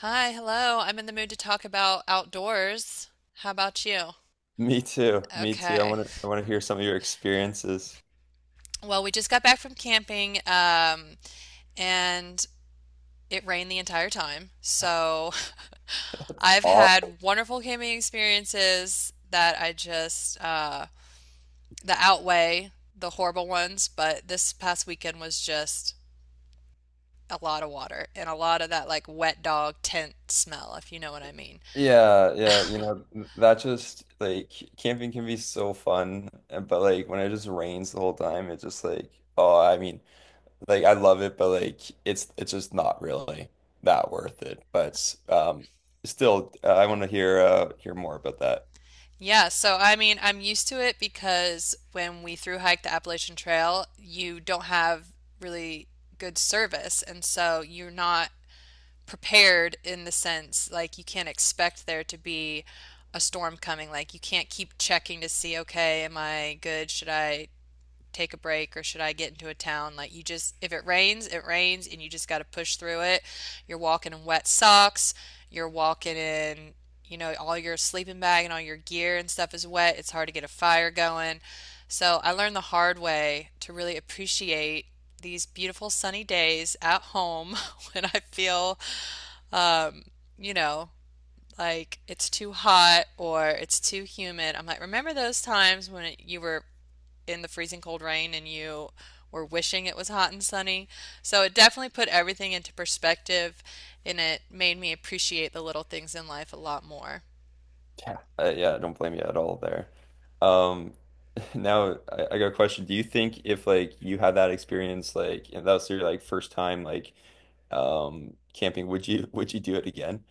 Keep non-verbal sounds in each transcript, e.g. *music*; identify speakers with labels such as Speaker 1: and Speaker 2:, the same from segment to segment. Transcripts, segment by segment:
Speaker 1: Hi, hello. I'm in the mood to talk about outdoors. How about you?
Speaker 2: Me too. Me too. I
Speaker 1: Okay.
Speaker 2: want to I want to hear some of your experiences.
Speaker 1: Well, we just got back from camping, and it rained the entire time. So *laughs* I've
Speaker 2: Aw-
Speaker 1: had wonderful camping experiences that I just that outweigh the horrible ones. But this past weekend was just a lot of water and a lot of that like wet dog tent smell, if you know what I mean.
Speaker 2: Yeah, yeah, that just like camping can be so fun, but like when it just rains the whole time, it's just like, oh, I mean, like I love it, but like it's just not really that worth it. But still, I want to hear hear more about that.
Speaker 1: Yeah, so I mean, I'm used to it because when we through hike the Appalachian Trail, you don't have really good service, and so you're not prepared in the sense like you can't expect there to be a storm coming. Like you can't keep checking to see, okay, am I good? Should I take a break or should I get into a town? Like you just, if it rains, it rains and you just got to push through it. You're walking in wet socks, you're walking in, you know, all your sleeping bag and all your gear and stuff is wet. It's hard to get a fire going. So I learned the hard way to really appreciate these beautiful sunny days at home *laughs* when I feel, um, you know, like it's too hot or it's too humid. I'm like, remember those times when you were in the freezing cold rain and you were wishing it was hot and sunny. So it definitely put everything into perspective and it made me appreciate the little things in life a lot more.
Speaker 2: Yeah, yeah, don't blame you at all there. Um, *laughs* Now I got a question. Do you think if like you had that experience, like and that was your like first time like camping, would you *laughs* would you do it again?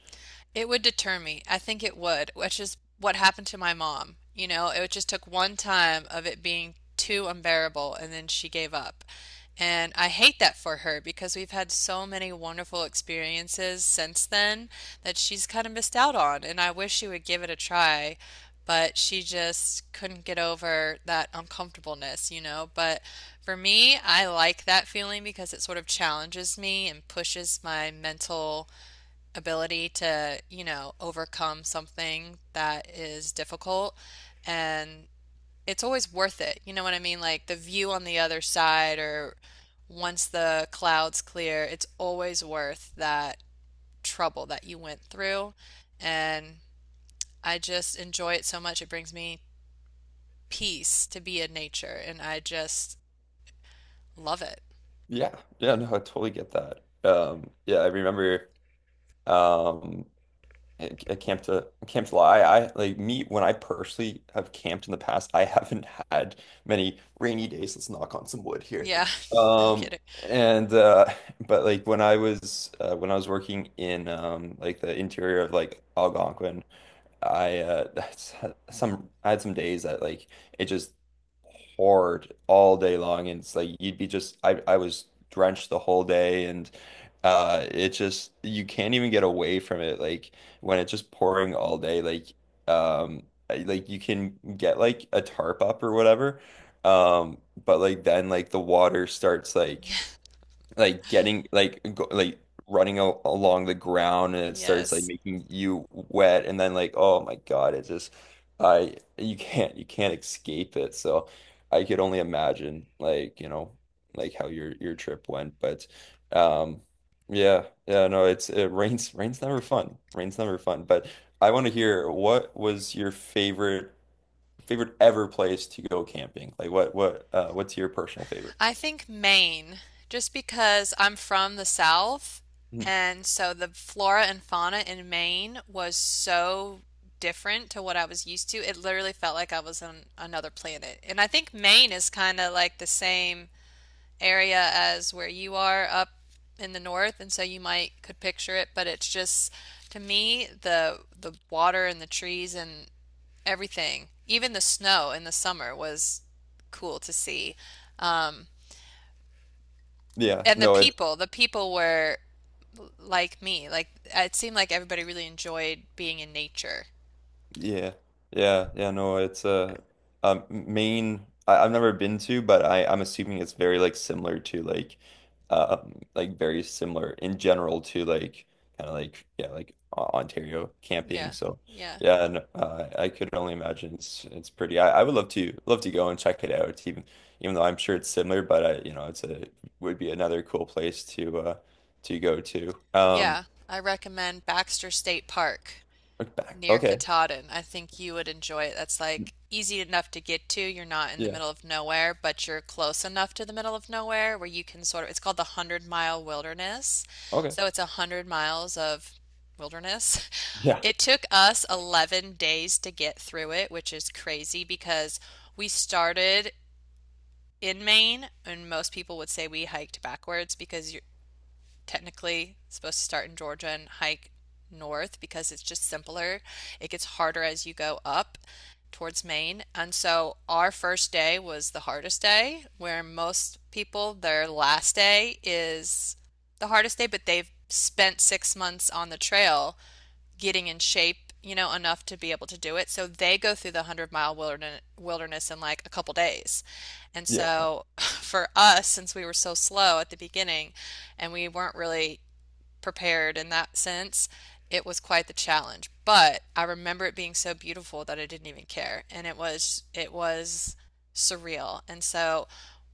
Speaker 1: It would deter me. I think it would, which is what happened to my mom. You know, it just took one time of it being too unbearable and then she gave up. And I hate that for her because we've had so many wonderful experiences since then that she's kind of missed out on. And I wish she would give it a try, but she just couldn't get over that uncomfortableness, you know. But for me, I like that feeling because it sort of challenges me and pushes my mental ability to, you know, overcome something that is difficult. And it's always worth it. You know what I mean? Like the view on the other side, or once the clouds clear, it's always worth that trouble that you went through. And I just enjoy it so much. It brings me peace to be in nature, and I just love it.
Speaker 2: Yeah, yeah, no, I totally get that. Yeah, I remember. Um, at Camp to Camp July, I like me when I personally have camped in the past, I haven't *laughs* had many rainy days. Let's knock on some wood here.
Speaker 1: Yeah, *laughs* no
Speaker 2: Um,
Speaker 1: kidding.
Speaker 2: and *laughs* but like when I was working in like the interior of like Algonquin. I *laughs* that's some I had some days that like it just poured all day long, and it's like you'd be just I was drenched the whole day. And it just, you can't even get away from it, like when it's just pouring all day like um I- like you can get like a tarp up or whatever, um but like then like the water starts like like getting like go, like running a along the ground, and it starts like
Speaker 1: Yes.
Speaker 2: making you wet. And then like, oh my God, it's just I you can't escape it. So I could only imagine like, you know, like how your trip went. But um yeah, yeah, no, it's, it rains, rain's never fun. But I want to hear, what was your favorite favorite ever place to go camping? Like what what's your personal favorite?
Speaker 1: I think Maine, just because I'm from the South,
Speaker 2: Mhm.
Speaker 1: and so the flora and fauna in Maine was so different to what I was used to. It literally felt like I was on another planet. And I think Maine is kind of like the same area as where you are up in the north, and so you might could picture it, but it's just to me the water and the trees and everything, even the snow in the summer was cool to see. Um,
Speaker 2: Yeah,
Speaker 1: and
Speaker 2: no, it's
Speaker 1: the people were like me. Like it seemed like everybody really enjoyed being in nature.
Speaker 2: Yeah, yeah, yeah. No, it's a Maine. I've never been to, but I'm assuming it's very like similar to like very similar in general to like kind of like, yeah, like O- Ontario camping.
Speaker 1: Yeah,
Speaker 2: So
Speaker 1: yeah,
Speaker 2: yeah, and I could only imagine it's pretty. I would love to love to go and check it out. Even even though I'm sure it's similar, but I, you know, it's a would be another cool place to go to.
Speaker 1: yeah. I recommend Baxter State Park
Speaker 2: Look back.
Speaker 1: near
Speaker 2: Okay.
Speaker 1: Katahdin. I think you would enjoy it. That's like easy enough to get to. You're not in the
Speaker 2: Yeah.
Speaker 1: middle of nowhere, but you're close enough to the middle of nowhere where you can sort of, it's called the Hundred Mile Wilderness.
Speaker 2: Okay.
Speaker 1: So it's a hundred miles of wilderness. *laughs*
Speaker 2: Yeah.
Speaker 1: It took us 11 days to get through it, which is crazy because we started in Maine, and most people would say we hiked backwards because you technically supposed to start in Georgia and hike north because it's just simpler. It gets harder as you go up towards Maine. And so our first day was the hardest day, where most people, their last day is the hardest day, but they've spent 6 months on the trail getting in shape, you know, enough to be able to do it. So they go through the 100 mile wilderness in like a couple days. And
Speaker 2: Yeah.
Speaker 1: so *laughs* for us, since we were so slow at the beginning and we weren't really prepared in that sense, it was quite the challenge. But I remember it being so beautiful that I didn't even care. It was surreal. And so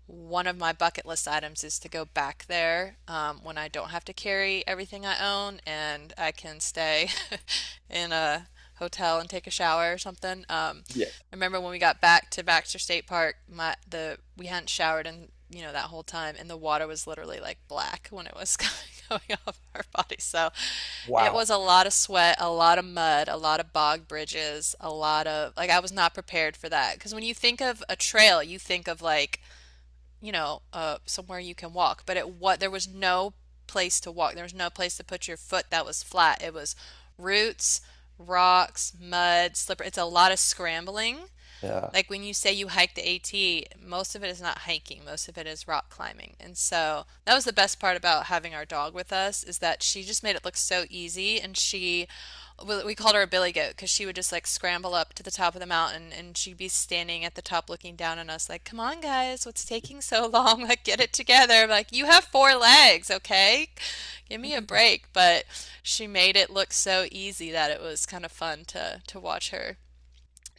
Speaker 1: one of my bucket list items is to go back there when I don't have to carry everything I own and I can stay *laughs* in a hotel and take a shower or something.
Speaker 2: Yeah.
Speaker 1: I remember when we got back to Baxter State Park, my the we hadn't showered in you know that whole time, and the water was literally like black when it was *laughs* coming, going off our bodies. So it
Speaker 2: Wow.
Speaker 1: was a lot of sweat, a lot of mud, a lot of bog bridges, a lot of like I was not prepared for that because when you think of a trail, you think of like, you know, somewhere you can walk, but it what there was no place to walk. There was no place to put your foot that was flat. It was roots, rocks, mud, slippery. It's a lot of scrambling
Speaker 2: Yeah.
Speaker 1: like when you say you hike the AT, most of it is not hiking, most of it is rock climbing. And so that was the best part about having our dog with us is that she just made it look so easy and we called her a billy goat because she would just like scramble up to the top of the mountain and she'd be standing at the top looking down on us like, "Come on guys, what's
Speaker 2: *laughs*
Speaker 1: taking so *laughs* long? Like get it together. Like you have four legs, okay? Give me a break." But she made it look so easy that it was kind of fun to watch her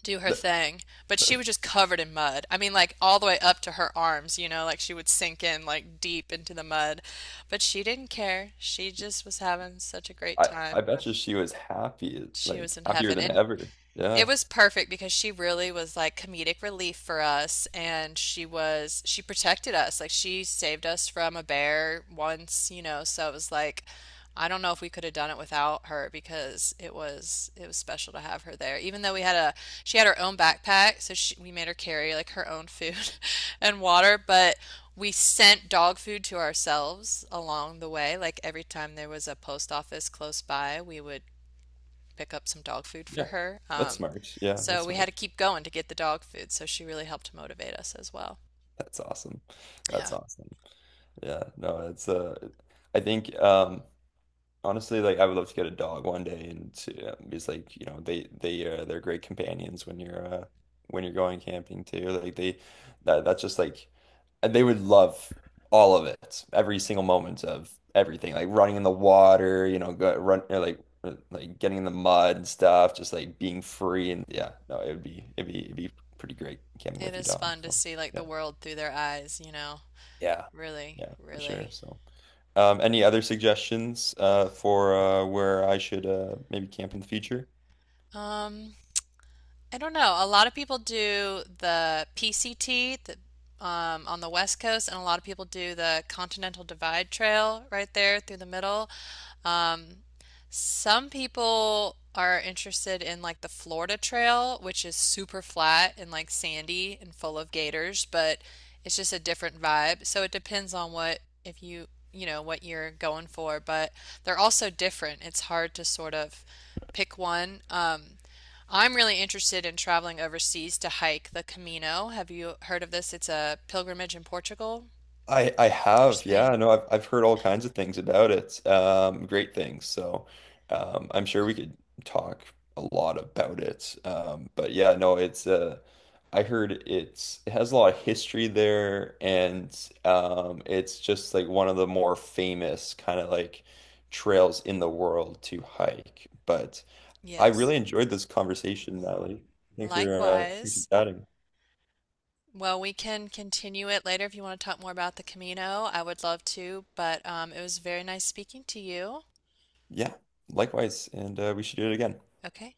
Speaker 1: do her
Speaker 2: Th-
Speaker 1: thing, but she was just covered in mud. I mean, like all the way up to her arms, you know, like she would sink in like deep into the mud. But she didn't care. She just was having such a great
Speaker 2: I
Speaker 1: time.
Speaker 2: bet you she was happy,
Speaker 1: She was
Speaker 2: like
Speaker 1: in
Speaker 2: happier
Speaker 1: heaven.
Speaker 2: than
Speaker 1: And
Speaker 2: ever.
Speaker 1: it
Speaker 2: Yeah.
Speaker 1: was perfect because she really was like comedic relief for us, and she protected us. Like she saved us from a bear once, you know, so it was like I don't know if we could have done it without her because it was special to have her there. Even though we had a she had her own backpack, so we made her carry like her own food *laughs* and water, but we sent dog food to ourselves along the way. Like every time there was a post office close by, we would pick up some dog food for
Speaker 2: Yeah.
Speaker 1: her.
Speaker 2: That's smart. Yeah,
Speaker 1: So
Speaker 2: that's
Speaker 1: we had
Speaker 2: smart.
Speaker 1: to keep going to get the dog food. So she really helped motivate us as well.
Speaker 2: That's awesome.
Speaker 1: Yeah,
Speaker 2: That's awesome. Yeah. No, it's I think honestly, like I would love to get a dog one day. And to, it's like, you know, they're great companions when you're going camping too. Like they that's just like they would love all of it, every single moment of everything, like running in the water, you know, go, run or like getting in the mud and stuff, just like being free. And yeah, no, it would be it'd be pretty great camping
Speaker 1: it
Speaker 2: with your
Speaker 1: is
Speaker 2: dog.
Speaker 1: fun to
Speaker 2: So
Speaker 1: see like
Speaker 2: yeah,
Speaker 1: the world through their eyes, you know.
Speaker 2: yeah,
Speaker 1: Really,
Speaker 2: yeah, for sure.
Speaker 1: really.
Speaker 2: So. Any other suggestions for where I should maybe camp in the future?
Speaker 1: Um, I don't know. A lot of people do the PCT, on the West Coast, and a lot of people do the Continental Divide Trail right there through the middle. Um, some people are interested in like the Florida Trail, which is super flat and like sandy and full of gators, but it's just a different vibe. So it depends on if you, you know, what you're going for, but they're also different. It's hard to sort of pick one. I'm really interested in traveling overseas to hike the Camino. Have you heard of this? It's a pilgrimage in Portugal
Speaker 2: I
Speaker 1: or
Speaker 2: have, yeah,
Speaker 1: Spain.
Speaker 2: no, I've heard all kinds of things about it, great things. So I'm sure we could talk a lot about it. But yeah, no, it's I heard it's it has a lot of history there. And it's just like one of the more famous kind of like trails in the world to hike. But I
Speaker 1: Yes.
Speaker 2: really enjoyed this conversation, Natalie. Thanks for thanks for
Speaker 1: Likewise.
Speaker 2: chatting.
Speaker 1: Well, we can continue it later if you want to talk more about the Camino. I would love to, but it was very nice speaking to you.
Speaker 2: Yeah, likewise, and we should do it again.
Speaker 1: Okay.